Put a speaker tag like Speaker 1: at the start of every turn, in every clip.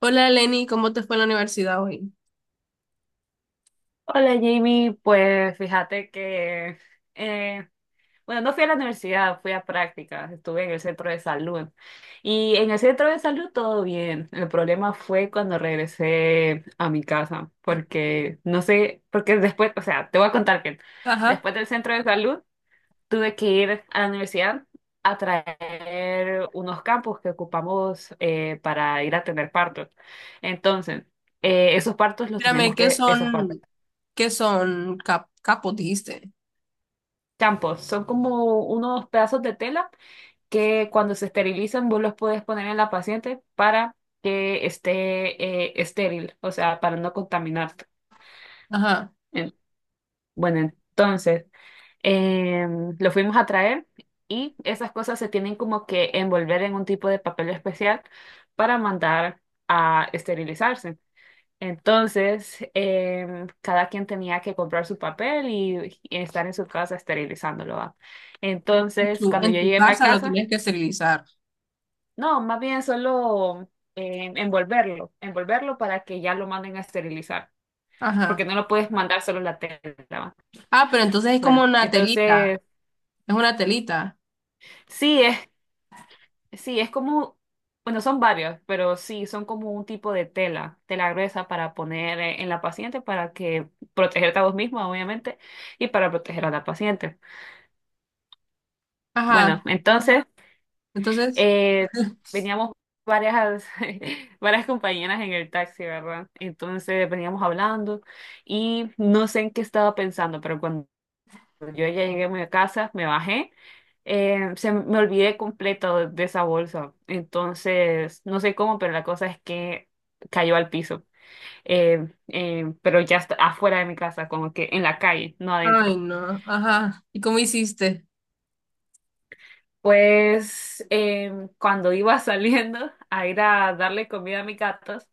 Speaker 1: Hola Lenny, ¿cómo te fue en la universidad hoy?
Speaker 2: Hola Jamie, pues fíjate que, eh, bueno, no fui a la universidad, fui a prácticas, estuve en el centro de salud y en el centro de salud todo bien. El problema fue cuando regresé a mi casa, porque no sé, porque después, o sea, te voy a contar que
Speaker 1: Ajá.
Speaker 2: después del centro de salud tuve que ir a la universidad a traer unos campos que ocupamos para ir a tener partos. Entonces, esos partos los
Speaker 1: Mírame,
Speaker 2: tenemos
Speaker 1: ¿qué
Speaker 2: que, esos partos.
Speaker 1: son, ¿capos, dijiste?
Speaker 2: Champos, son como unos pedazos de tela que cuando se esterilizan vos los puedes poner en la paciente para que esté estéril, o sea, para no contaminarte.
Speaker 1: Ajá.
Speaker 2: En- Bueno, entonces lo fuimos a traer y esas cosas se tienen como que envolver en un tipo de papel especial para mandar a esterilizarse. Entonces, cada quien tenía que comprar su papel y, estar en su casa esterilizándolo, ¿va?
Speaker 1: En tu,
Speaker 2: Entonces, cuando
Speaker 1: en
Speaker 2: yo
Speaker 1: tu
Speaker 2: llegué a mi
Speaker 1: casa lo
Speaker 2: casa,
Speaker 1: tenías que esterilizar.
Speaker 2: no, más bien solo envolverlo, envolverlo para que ya lo manden a esterilizar, porque
Speaker 1: Ajá.
Speaker 2: no lo puedes mandar solo la tela, ¿va?
Speaker 1: Ah, pero entonces es como
Speaker 2: Bueno,
Speaker 1: una telita.
Speaker 2: entonces,
Speaker 1: Es una telita.
Speaker 2: sí, es Sí, es como, bueno, son varios, pero sí, son como un tipo de tela, tela gruesa para poner en la paciente para que protegerte a vos mismo, obviamente, y para proteger a la paciente.
Speaker 1: Ajá.
Speaker 2: Bueno, entonces,
Speaker 1: Entonces,
Speaker 2: eh, veníamos varias, varias compañeras en el taxi, ¿verdad? Entonces veníamos hablando y no sé en qué estaba pensando, pero cuando yo ya llegué a mi casa, me bajé, se me olvidé completo de esa bolsa. Entonces, no sé cómo, pero la cosa es que cayó al piso. Pero ya está afuera de mi casa, como que en la calle, no
Speaker 1: ay
Speaker 2: adentro.
Speaker 1: no, ajá. ¿Y cómo hiciste?
Speaker 2: Pues cuando iba saliendo a ir a darle comida a mis gatos,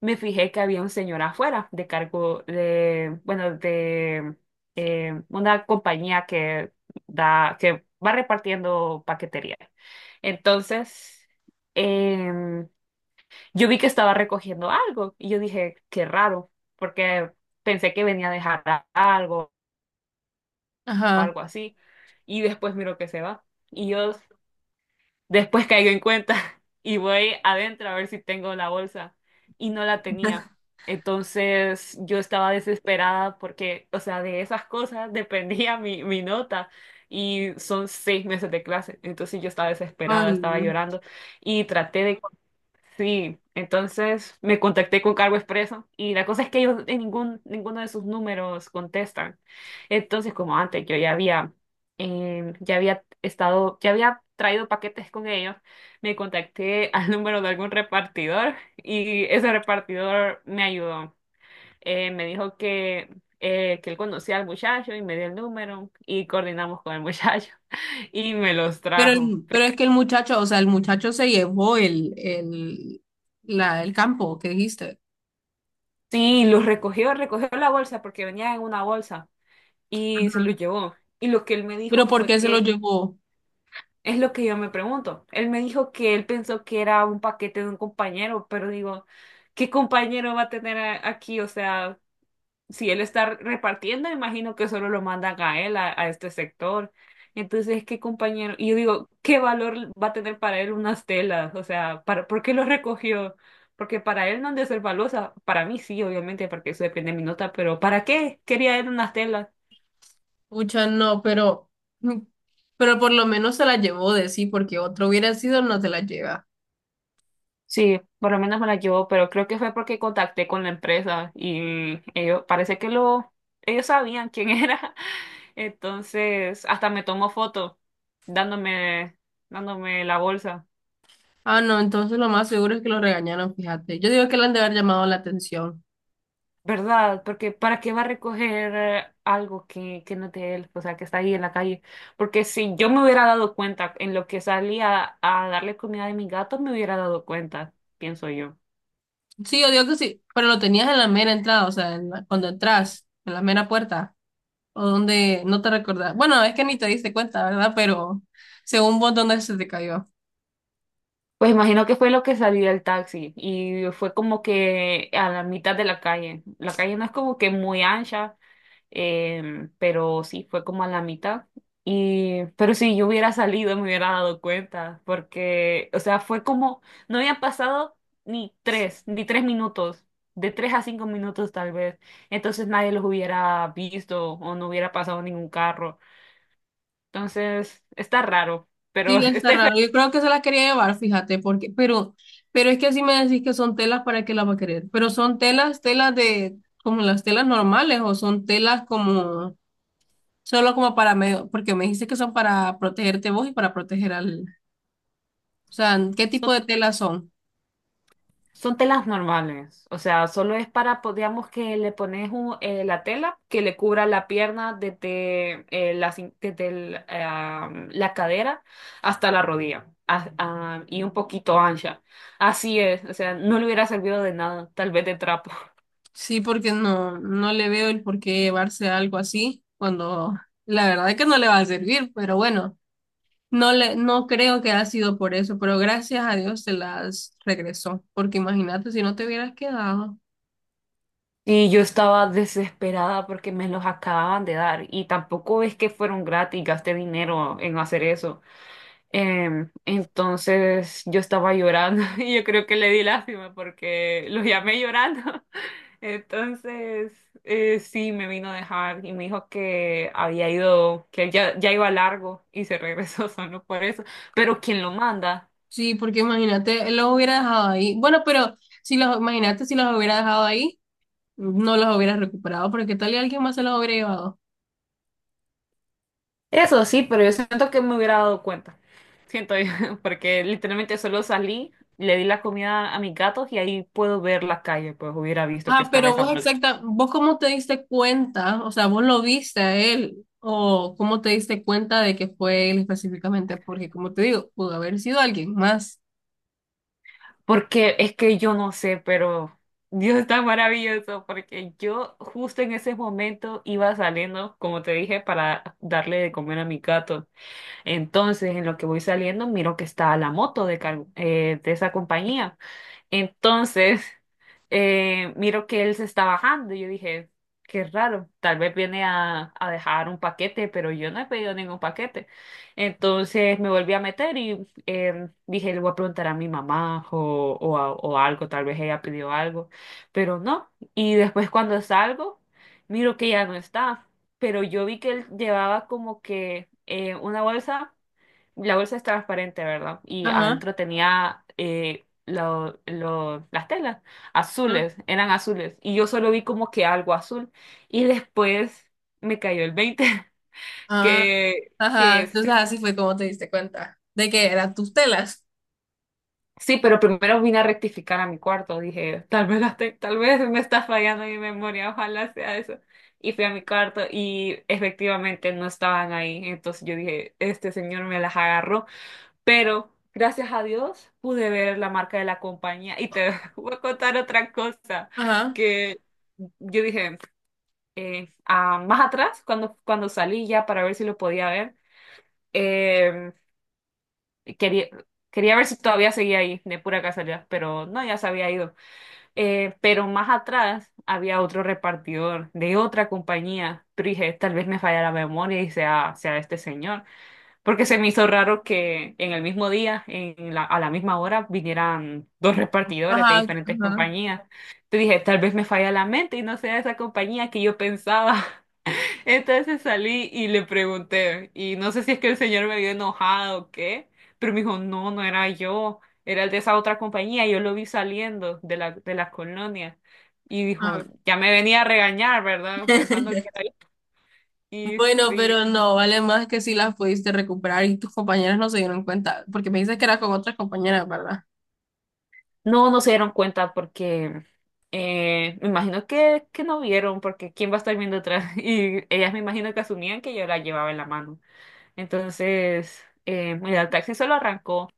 Speaker 2: me fijé que había un señor afuera de cargo de, bueno, de una compañía que da, que va repartiendo paquetería. Entonces, em, yo vi que estaba recogiendo algo y yo dije, qué raro, porque pensé que venía a dejar algo o
Speaker 1: Ajá.
Speaker 2: algo así. Y después miro que se va. Y yo Después caigo en cuenta y voy adentro a ver si tengo la bolsa y no la tenía. Entonces yo estaba desesperada porque, o sea, de esas cosas dependía mi nota y son 6 meses de clase. Entonces yo estaba
Speaker 1: Ay,
Speaker 2: desesperada, estaba
Speaker 1: no.
Speaker 2: llorando y traté de sí, entonces me contacté con Cargo Expreso y la cosa es que ellos ninguno de sus números contestan. Entonces, como antes, yo ya había estado, ya había traído paquetes con ellos, me contacté al número de algún repartidor y ese repartidor me ayudó. Me dijo que él conocía al muchacho y me dio el número y coordinamos con el muchacho y me los
Speaker 1: Pero,
Speaker 2: trajo.
Speaker 1: pero es que el muchacho, o sea, el muchacho se llevó el campo que dijiste.
Speaker 2: Sí, los recogió, la bolsa porque venía en una bolsa y se lo
Speaker 1: Ajá.
Speaker 2: llevó. Y lo que él me dijo
Speaker 1: Pero ¿por
Speaker 2: fue
Speaker 1: qué se
Speaker 2: que,
Speaker 1: lo llevó?
Speaker 2: es lo que yo me pregunto, él me dijo que él pensó que era un paquete de un compañero, pero digo, ¿qué compañero va a tener aquí? O sea, si él está repartiendo, imagino que solo lo mandan a él, a este sector. Entonces, ¿qué compañero? Y yo digo, ¿qué valor va a tener para él unas telas? O sea, ¿por qué lo recogió? Porque para él no han de ser valiosa. Para mí sí, obviamente, porque eso depende de mi nota, pero ¿para qué quería él unas telas?
Speaker 1: Pucha, no, pero, mm, pero por lo menos se la llevó de sí, porque otro hubiera sido, no se la lleva.
Speaker 2: Sí, por lo menos me la llevó, pero creo que fue porque contacté con la empresa y ellos, parece ellos sabían quién era. Entonces, hasta me tomó foto dándome, dándome la bolsa.
Speaker 1: Ah, no, entonces lo más seguro es que lo regañaron, fíjate. Yo digo que le han de haber llamado la atención.
Speaker 2: ¿Verdad? Porque ¿para qué va a recoger algo que no es de él? O sea, que está ahí en la calle. Porque si yo me hubiera dado cuenta en lo que salía a darle comida a mi gato, me hubiera dado cuenta, pienso yo.
Speaker 1: Sí, yo digo que sí, pero lo tenías en la mera entrada, o sea, cuando entras, en la mera puerta, o donde no te recordás. Bueno, es que ni te diste cuenta, ¿verdad? Pero según vos, ¿dónde se te cayó?
Speaker 2: Pues imagino que fue lo que salí del taxi y fue como que a la mitad de la calle. La calle no es como que muy ancha, pero sí fue como a la mitad. Pero si yo hubiera salido me hubiera dado cuenta, porque, o sea, fue como, no habían pasado ni tres minutos, de 3 a 5 minutos tal vez. Entonces nadie los hubiera visto o no hubiera pasado ningún carro. Entonces, está raro, pero
Speaker 1: Sí, está
Speaker 2: estoy feliz.
Speaker 1: raro. Yo creo que se las quería llevar, fíjate, porque, pero es que así me decís que son telas, ¿para qué las va a querer? Pero son telas, telas de, como las telas normales, o son telas como, solo como para medio, porque me dijiste que son para protegerte vos y para proteger al, o sea, ¿qué tipo de telas son?
Speaker 2: Son telas normales, o sea, solo es para, digamos que le pones la tela que le cubra la pierna desde la cadera hasta la rodilla y un poquito ancha. Así es, o sea, no le hubiera servido de nada, tal vez de trapo.
Speaker 1: Sí, porque no, no le veo el por qué llevarse algo así, cuando la verdad es que no le va a servir, pero bueno. No creo que ha sido por eso, pero gracias a Dios se las regresó, porque imagínate si no te hubieras quedado.
Speaker 2: Y yo estaba desesperada porque me los acababan de dar y tampoco es que fueron gratis, gasté dinero en hacer eso. Entonces yo estaba llorando y yo creo que le di lástima porque lo llamé llorando. Entonces sí me vino a dejar y me dijo que había ido, que ya iba largo y se regresó solo por eso. Pero ¿quién lo manda?
Speaker 1: Sí, porque imagínate, los hubiera dejado ahí. Bueno, pero imagínate si los hubiera dejado ahí, no los hubieras recuperado, porque ¿qué tal y alguien más se los hubiera llevado?
Speaker 2: Eso sí, pero yo siento que me hubiera dado cuenta. Siento yo, porque literalmente solo salí, le di la comida a mis gatos y ahí puedo ver la calle, pues hubiera visto que
Speaker 1: Ah,
Speaker 2: estaba
Speaker 1: pero
Speaker 2: esa
Speaker 1: vos
Speaker 2: bolsa.
Speaker 1: exacta, vos cómo te diste cuenta, o sea, vos lo viste a él, ¿o cómo te diste cuenta de que fue él específicamente? Porque como te digo, pudo haber sido alguien más.
Speaker 2: Porque es que yo no sé, pero Dios está maravilloso, porque yo justo en ese momento iba saliendo, como te dije, para darle de comer a mi gato. Entonces, en lo que voy saliendo, miro que está la moto de esa compañía. Entonces, miro que él se está bajando y yo dije, qué raro, tal vez viene a, dejar un paquete, pero yo no he pedido ningún paquete. Entonces me volví a meter y dije, le voy a preguntar a mi mamá o algo, tal vez ella pidió algo, pero no. Y después cuando salgo, miro que ya no está, pero yo vi que él llevaba como que una bolsa. La bolsa es transparente, ¿verdad? Y
Speaker 1: Ajá.
Speaker 2: adentro tenía las telas azules, eran azules. Y yo solo vi como que algo azul. Y después me cayó el 20
Speaker 1: Ah,
Speaker 2: que,
Speaker 1: ajá.
Speaker 2: que sí.
Speaker 1: Entonces así fue como te diste cuenta de que eran tus telas.
Speaker 2: Sí, pero primero vine a rectificar a mi cuarto. Dije, tal vez, tal vez me está fallando mi memoria, ojalá sea eso. Y fui a mi cuarto y efectivamente no estaban ahí. Entonces yo dije, este señor me las agarró. Pero gracias a Dios pude ver la marca de la compañía y te voy a contar otra cosa
Speaker 1: Ajá,
Speaker 2: que yo dije más atrás, cuando salí ya para ver si lo podía ver, eh, quería, quería ver si todavía seguía ahí de pura casualidad, pero no, ya se había ido. Pero más atrás había otro repartidor de otra compañía, pero dije, tal vez me falla la memoria y sea este señor. Porque se me hizo raro que en el mismo día, a la misma hora, vinieran 2 repartidores de
Speaker 1: ajá,
Speaker 2: diferentes
Speaker 1: ajá,
Speaker 2: compañías. Te dije, tal vez me falla la mente y no sea esa compañía que yo pensaba. Entonces salí y le pregunté, y no sé si es que el señor me vio enojado o qué, pero me dijo, no, no era yo, era el de esa otra compañía, yo lo vi saliendo de la colonia. Y dijo,
Speaker 1: ajá.
Speaker 2: ya me venía a regañar, ¿verdad? Pensando que era yo. Y
Speaker 1: Bueno,
Speaker 2: sí.
Speaker 1: pero no, vale más que si las pudiste recuperar y tus compañeras no se dieron cuenta, porque me dices que eras con otras compañeras, ¿verdad?
Speaker 2: No, no se dieron cuenta porque me imagino que no vieron, porque ¿quién va a estar viendo atrás? Y ellas me imagino que asumían que yo la llevaba en la mano. Entonces, mira, el taxi solo arrancó.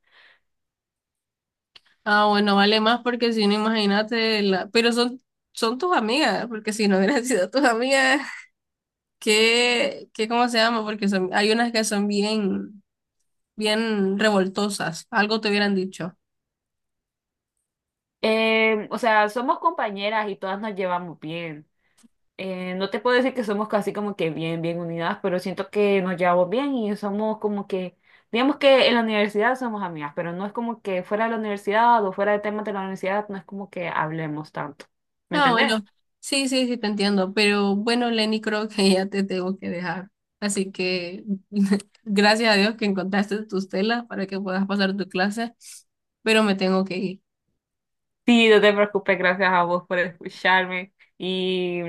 Speaker 1: Ah, bueno, vale más porque si no, imagínate, la... pero son, son tus amigas, porque si no hubieran sido tus amigas, ¿cómo se llama? Porque son, hay unas que son bien, bien revoltosas, algo te hubieran dicho.
Speaker 2: O sea, somos compañeras y todas nos llevamos bien. No te puedo decir que somos casi como que bien, bien unidas, pero siento que nos llevamos bien y somos como que, digamos que en la universidad somos amigas, pero no es como que fuera de la universidad o fuera de temas de la universidad, no es como que hablemos tanto. ¿Me
Speaker 1: Ah,
Speaker 2: entendés?
Speaker 1: bueno, sí, sí, sí, te entiendo. Pero bueno, Lenny, creo que ya te tengo que dejar. Así que gracias a Dios que encontraste tus telas para que puedas pasar tu clase, pero me tengo que ir.
Speaker 2: Sí, no te preocupes, gracias a vos por escucharme y,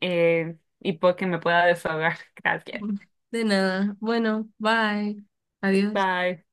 Speaker 2: eh, y porque me pueda desahogar. Gracias.
Speaker 1: De nada. Bueno, bye. Adiós.
Speaker 2: Bye.